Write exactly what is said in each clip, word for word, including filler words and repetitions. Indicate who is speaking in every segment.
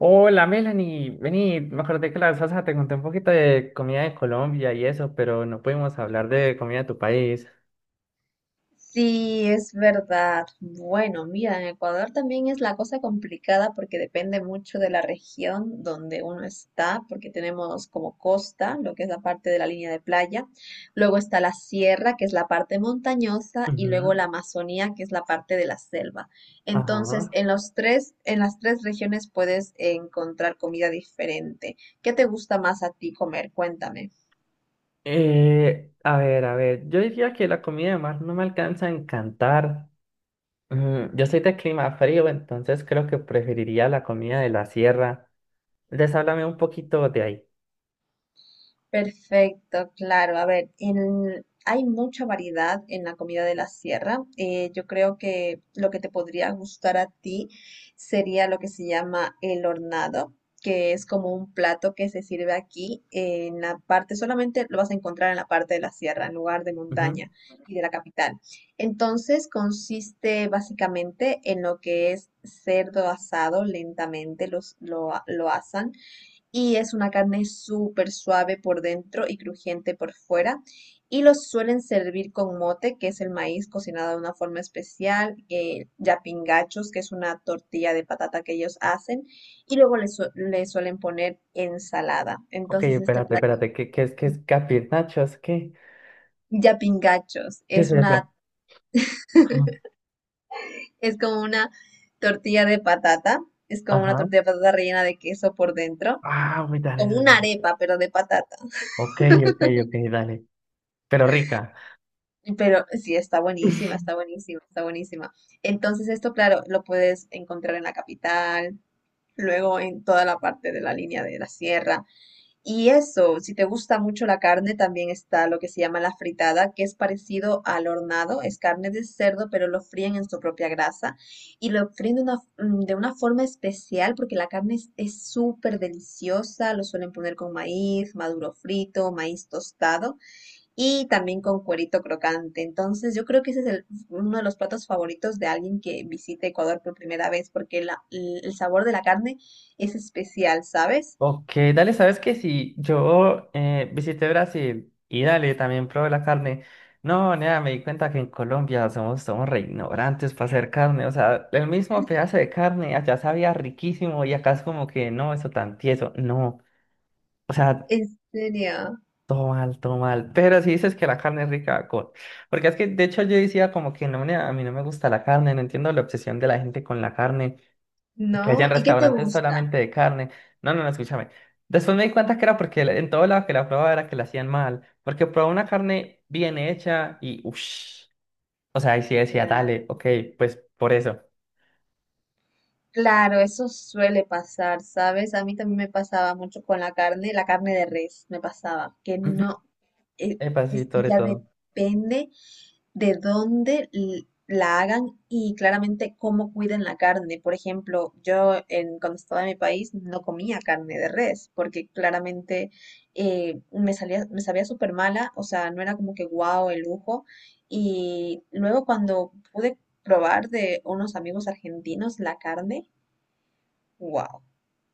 Speaker 1: Hola Melanie, vení, me acordé que la vez pasada te conté un poquito de comida de Colombia y eso, pero no pudimos hablar de comida de tu país.
Speaker 2: Sí, es verdad. Bueno, mira, en Ecuador también es la cosa complicada porque depende mucho de la región donde uno está, porque tenemos como costa, lo que es la parte de la línea de playa, luego está la sierra, que es la parte montañosa, y
Speaker 1: Ujú.
Speaker 2: luego la Amazonía, que es la parte de la selva. Entonces,
Speaker 1: Ajá.
Speaker 2: en los tres, en las tres regiones puedes encontrar comida diferente. ¿Qué te gusta más a ti comer? Cuéntame.
Speaker 1: Eh, a ver, a ver, yo diría que la comida de mar no me alcanza a encantar. Mm, yo soy de clima frío, entonces creo que preferiría la comida de la sierra. Entonces háblame un poquito de ahí.
Speaker 2: Perfecto, claro. A ver, en- hay mucha variedad en la comida de la sierra. Eh, yo creo que lo que te podría gustar a ti sería lo que se llama el hornado, que es como un plato que se sirve aquí en la parte, solamente lo vas a encontrar en la parte de la sierra, en lugar de
Speaker 1: Ujú.
Speaker 2: montaña y de la capital. Entonces, consiste básicamente en lo que es cerdo asado lentamente, los, lo, lo asan y es una carne súper suave por dentro y crujiente por fuera. Y los suelen servir con mote, que es el maíz cocinado de una forma especial, eh, yapingachos, que es una tortilla de patata que ellos hacen, y luego le, su- le suelen poner ensalada.
Speaker 1: Ok,
Speaker 2: Entonces este
Speaker 1: espérate,
Speaker 2: plato,
Speaker 1: espérate, ¿qué, qué es, qué es capir nachos? ¿Qué,
Speaker 2: yapingachos,
Speaker 1: qué es
Speaker 2: es
Speaker 1: eso?
Speaker 2: una,
Speaker 1: Ajá.
Speaker 2: es como una tortilla de patata, es como una
Speaker 1: Ajá.
Speaker 2: tortilla de patata rellena de queso por dentro,
Speaker 1: Ah, muy dale.
Speaker 2: como una arepa, pero de patata.
Speaker 1: Ok, ok, ok, dale. Pero rica.
Speaker 2: Pero sí, está buenísima, está buenísima, está buenísima. Entonces esto, claro, lo puedes encontrar en la capital, luego en toda la parte de la línea de la sierra. Y eso, si te gusta mucho la carne, también está lo que se llama la fritada, que es parecido al hornado, es carne de cerdo, pero lo fríen en su propia grasa y lo fríen de una, mm, de una forma especial porque la carne es es súper deliciosa, lo suelen poner con maíz, maduro frito, maíz tostado y también con cuerito crocante. Entonces, yo creo que ese es el- uno de los platos favoritos de alguien que visite Ecuador por primera vez, porque la- el el sabor de la carne es especial, ¿sabes?
Speaker 1: Ok, dale, ¿sabes qué? Si yo eh, visité Brasil y dale, también probé la carne. No, nada, me di cuenta que en Colombia somos, somos re ignorantes para hacer carne. O sea, el mismo pedazo de carne allá sabía riquísimo y acá es como que no, eso tan tieso. No, o sea,
Speaker 2: En serio,
Speaker 1: todo mal, todo mal. Pero si dices que la carne es rica, con porque es que de hecho yo decía como que no, nea, a mí no me gusta la carne, no entiendo la obsesión de la gente con la carne. Que
Speaker 2: ¿no?
Speaker 1: hayan
Speaker 2: ¿Y qué te
Speaker 1: restaurantes
Speaker 2: gusta?
Speaker 1: solamente de carne. No, no, no, escúchame. Después me di cuenta que era porque la- en todo lado que la probaba era que la hacían mal. Porque probaba una carne bien hecha y uff. O sea, ahí sí decía,
Speaker 2: Claro.
Speaker 1: dale, ok, pues por eso.
Speaker 2: Claro, eso suele pasar, ¿sabes? A mí también me pasaba mucho con la carne, la carne de res, me pasaba, que
Speaker 1: Ujú.
Speaker 2: no, eh,
Speaker 1: Epa, sí,
Speaker 2: es que
Speaker 1: sobre
Speaker 2: ya
Speaker 1: todo.
Speaker 2: depende de dónde l- la hagan y claramente cómo cuiden la carne. Por ejemplo, yo en, cuando estaba en mi país no comía carne de res porque claramente eh, me salía, me sabía súper mala, o sea, no era como que guau el lujo. Y luego cuando pude probar de unos amigos argentinos la carne, wow.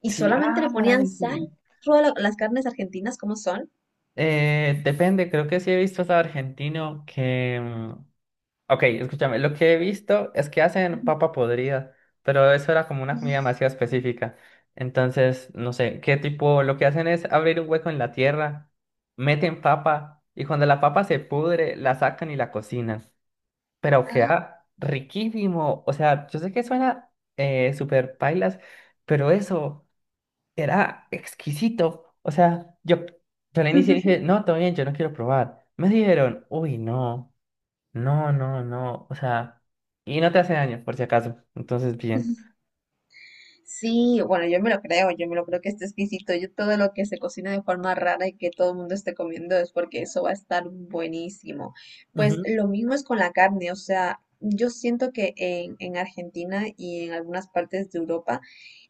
Speaker 2: Y
Speaker 1: Sí,
Speaker 2: solamente le
Speaker 1: ah,
Speaker 2: ponían
Speaker 1: dale, sí.
Speaker 2: sal. Todas la- las carnes argentinas, ¿cómo son?
Speaker 1: Eh, depende, creo que sí he visto hasta argentino que. mm, Ok, escúchame, lo que he visto es que hacen papa podrida, pero eso era como una comida demasiado específica. Entonces, no sé, qué tipo, lo que hacen es abrir un hueco en la tierra, meten papa y cuando la papa se pudre, la sacan y la cocinan. Pero queda riquísimo. O sea, yo sé que suena eh, súper pailas, pero eso era exquisito. O sea, yo, yo al
Speaker 2: Ujú.
Speaker 1: inicio dije, no, todo bien, yo no quiero probar. Me dijeron, uy, no. No, no, no, o sea, y no te hace daño, por si acaso, entonces bien.
Speaker 2: Sí, bueno, yo me lo creo, yo me lo creo que esté exquisito. Yo todo lo que se cocina de forma rara y que todo el mundo esté comiendo es porque eso va a estar buenísimo. Pues
Speaker 1: Ujú,
Speaker 2: lo mismo es con la carne, o sea, yo siento que en, en Argentina y en algunas partes de Europa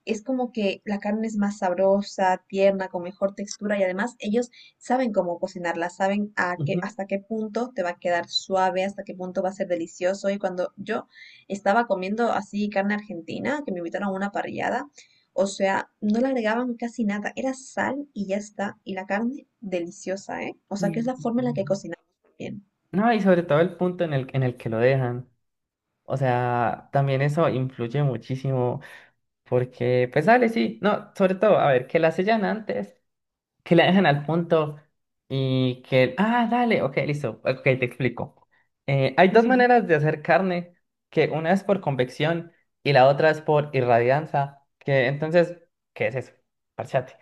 Speaker 2: es como que la carne es más sabrosa, tierna, con mejor textura y además ellos saben cómo cocinarla, saben a qué,
Speaker 1: ujú.
Speaker 2: hasta qué punto te va a quedar suave, hasta qué punto va a ser delicioso y cuando yo... Estaba comiendo así carne argentina, que me invitaron a una parrillada. O sea, no le agregaban casi nada, era sal y ya está. Y la carne deliciosa, ¿eh? O sea, que es
Speaker 1: Sí,
Speaker 2: la
Speaker 1: sí,
Speaker 2: forma
Speaker 1: sí.
Speaker 2: en la que cocinamos también.
Speaker 1: No, y sobre todo el punto en el, en el que lo dejan. O sea, también eso influye muchísimo porque, pues dale, sí, no, sobre todo, a ver, que la sellan antes, que la dejan al punto y que, ah, dale, ok, listo, ok, te explico. Eh, hay dos
Speaker 2: Ujú.
Speaker 1: maneras de hacer carne, que una es por convección y la otra es por irradianza, que entonces, ¿qué es eso? Parchate.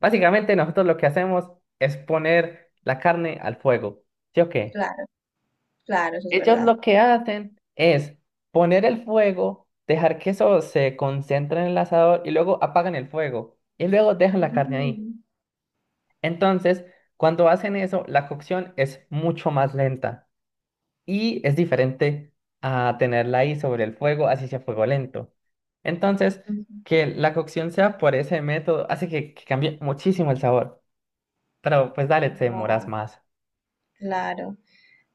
Speaker 1: Básicamente nosotros lo que hacemos es poner la carne al fuego, ¿sí o qué?
Speaker 2: Claro, claro, eso es
Speaker 1: Ellos
Speaker 2: verdad.
Speaker 1: lo que hacen es poner el fuego, dejar que eso se concentre en el asador y luego apagan el fuego y luego dejan la carne ahí.
Speaker 2: Mm,
Speaker 1: Entonces, cuando hacen eso, la cocción es mucho más lenta y es diferente a tenerla ahí sobre el fuego, así sea fuego lento. Entonces,
Speaker 2: ujú.
Speaker 1: que la cocción sea por ese método hace que, que cambie muchísimo el sabor. Pero pues dale, te demoras
Speaker 2: Guau,
Speaker 1: más.
Speaker 2: claro.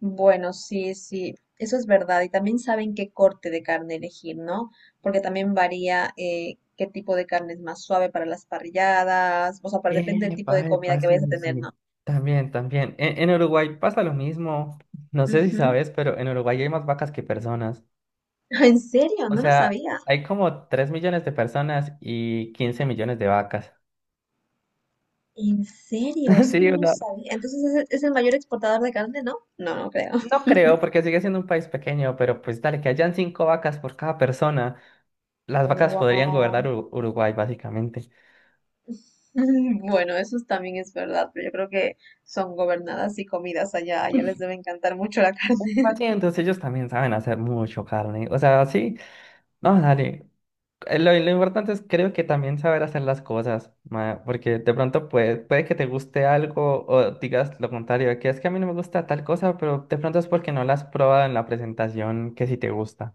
Speaker 2: Bueno, sí, sí, eso es verdad. Y también saben qué corte de carne elegir, ¿no? Porque también varía eh, qué tipo de carne es más suave para las parrilladas, o sea, para, depende del tipo de
Speaker 1: Epa,
Speaker 2: comida
Speaker 1: epa,
Speaker 2: que
Speaker 1: sí,
Speaker 2: vayas a
Speaker 1: sí,
Speaker 2: tener,
Speaker 1: sí.
Speaker 2: ¿no?
Speaker 1: También, también. En, en Uruguay pasa lo mismo. No sé si
Speaker 2: Ujú.
Speaker 1: sabes, pero en Uruguay hay más vacas que personas.
Speaker 2: ¿En serio?
Speaker 1: O
Speaker 2: No lo
Speaker 1: sea,
Speaker 2: sabía.
Speaker 1: hay como tres millones de personas y quince millones de vacas.
Speaker 2: ¿En serio? Eso
Speaker 1: Sí,
Speaker 2: no
Speaker 1: o
Speaker 2: lo
Speaker 1: sea,
Speaker 2: sabía. Entonces, ¿es, el es el mayor exportador de carne, ¿no? No, no creo.
Speaker 1: no creo, porque sigue siendo un país pequeño, pero pues dale, que hayan cinco vacas por cada persona, las vacas podrían gobernar
Speaker 2: Wow.
Speaker 1: Ur- Uruguay, básicamente.
Speaker 2: Bueno, eso es- también es verdad, pero yo creo que son gobernadas y comidas allá, allá les debe encantar mucho la carne.
Speaker 1: Así, entonces ellos también saben hacer mucho carne. O sea, sí, no, dale. Eh, Lo, lo importante es, creo que también saber hacer las cosas, ma, porque de pronto puede, puede que te guste algo o digas lo contrario, de que es que a mí no me gusta tal cosa, pero de pronto es porque no la has probado en la presentación que sí te gusta.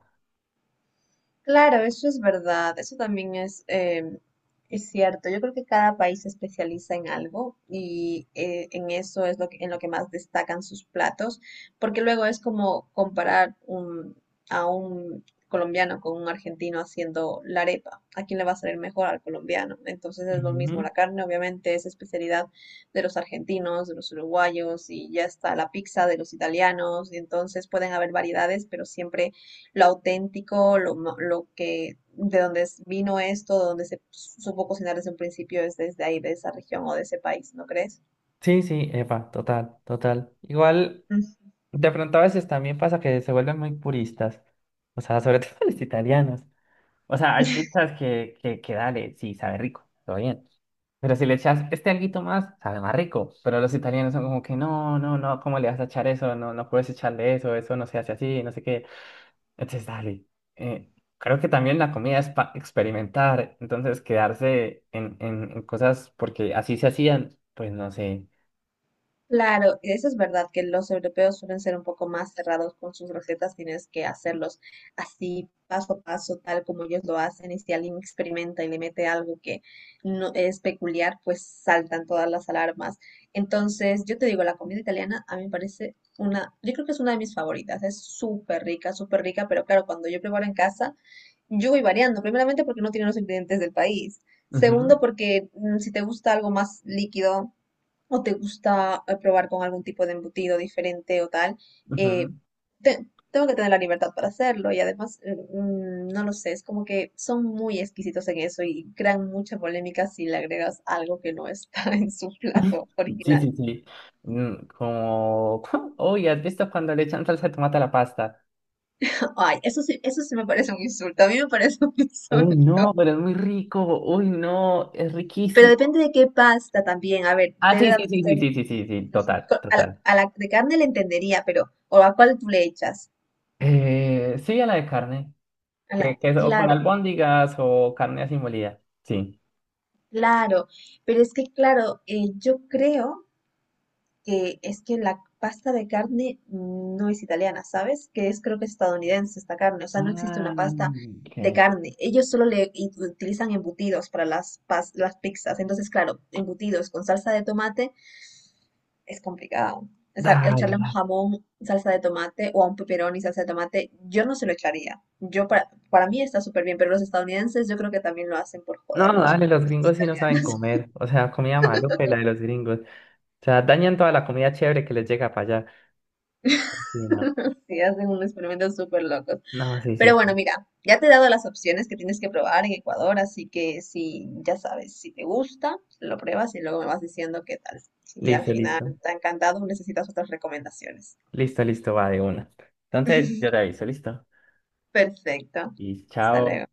Speaker 2: Claro, eso es verdad, eso también es, em, es cierto. Yo creo que cada país se especializa en algo y eh, en eso es lo que, en lo que más destacan sus platos, porque luego es como comparar un- a un colombiano con un argentino haciendo la arepa. ¿A quién le va a salir mejor al colombiano? Entonces es lo
Speaker 1: Ujú.
Speaker 2: mismo, la carne obviamente es especialidad de los argentinos, de los uruguayos y ya está la pizza de los italianos, y entonces pueden haber variedades, pero siempre lo auténtico, lo, ma- lo que, de dónde es- vino esto, de dónde se supo cocinar desde un principio, es desde ahí, de esa región o de ese país, ¿no crees?
Speaker 1: Sí, sí, Epa, total, total. Igual. De pronto a veces también pasa que se vuelven muy puristas, o sea, sobre todo los italianos. O sea, hay pizzas que, que, que dale, sí, sabe rico, todo bien. Pero si le echas este alguito más, sabe más rico. Pero los italianos son como que no, no, no, ¿cómo le vas a echar eso? No, no puedes echarle eso, eso no se hace así, no sé qué. Entonces, dale. Eh, creo que también la comida es para experimentar, entonces quedarse en, en, en cosas porque así se hacían, pues no sé.
Speaker 2: Claro, eso es verdad que los europeos suelen ser un poco más cerrados con sus recetas, tienes que hacerlos así, paso a paso, tal como ellos lo hacen, y si alguien experimenta y le mete algo que no es peculiar, pues saltan todas las alarmas. Entonces, yo te digo, la comida italiana a mí me parece una, yo creo que es una de mis favoritas, es súper rica, súper rica, pero claro, cuando yo preparo en casa, yo voy variando, primeramente porque no tienen los ingredientes del país,
Speaker 1: Ujú,
Speaker 2: segundo porque mm, si te gusta algo más líquido, o te gusta eh, probar con algún tipo de embutido diferente o tal, eh,
Speaker 1: ujú.
Speaker 2: te- tengo que tener la libertad para hacerlo y además, eh, mm, no lo sé, es como que son muy exquisitos en eso y crean mucha polémica si le agregas algo que no está en su plato
Speaker 1: Sí,
Speaker 2: original.
Speaker 1: sí, sí. Mm, como, uy, ¿has visto cuando le echan salsa de tomate a la pasta?
Speaker 2: Ay, eso sí, eso sí me parece un insulto, a mí me parece un
Speaker 1: Uy,
Speaker 2: insulto.
Speaker 1: no, pero es muy rico. Uy, no, es
Speaker 2: Pero
Speaker 1: riquísimo.
Speaker 2: depende de qué pasta también, a ver,
Speaker 1: Ah,
Speaker 2: debe
Speaker 1: sí,
Speaker 2: de
Speaker 1: sí, sí, sí,
Speaker 2: ser...
Speaker 1: sí, sí, sí, sí,
Speaker 2: ujú,
Speaker 1: total,
Speaker 2: co- a la,
Speaker 1: total.
Speaker 2: a la de carne le entendería, pero ¿o a cuál tú le echas?
Speaker 1: Eh, sí, a la de carne,
Speaker 2: A la,
Speaker 1: que, que es o con
Speaker 2: claro.
Speaker 1: albóndigas o carne así molida. Sí.
Speaker 2: Claro, pero es que, claro, eh, yo creo que es que la pasta de carne no es italiana, ¿sabes? Que es Creo que es estadounidense esta carne, o sea, no existe
Speaker 1: Ah,
Speaker 2: una pasta de
Speaker 1: ok.
Speaker 2: carne. Ellos solo le i- utilizan embutidos para las, pas- las pizzas, entonces, claro, embutidos con salsa de tomate es complicado. O sea,
Speaker 1: Dale,
Speaker 2: echarle a un
Speaker 1: dale.
Speaker 2: jamón salsa de tomate o a un pepperoni salsa de tomate, yo no se lo echaría. Yo para, para mí está súper bien, pero los estadounidenses yo creo que también lo hacen por
Speaker 1: No,
Speaker 2: joderlos
Speaker 1: dale,
Speaker 2: un
Speaker 1: los gringos sí no saben comer. O sea, comida maloca y la de los gringos. O sea, dañan toda la comida chévere que les llega para allá. Sí, no.
Speaker 2: Sí, hacen unos experimentos súper locos.
Speaker 1: No, sí, sí,
Speaker 2: Pero bueno,
Speaker 1: sí.
Speaker 2: mira, ya te he dado las opciones que tienes que probar en Ecuador, así que si ya sabes, si te gusta, pues, lo pruebas y luego me vas diciendo qué tal. Si al
Speaker 1: Listo,
Speaker 2: final
Speaker 1: listo.
Speaker 2: te ha encantado, necesitas otras recomendaciones.
Speaker 1: Listo, listo, va de una. Entonces, yo te aviso, listo.
Speaker 2: Perfecto.
Speaker 1: Y
Speaker 2: Hasta
Speaker 1: chao.
Speaker 2: luego.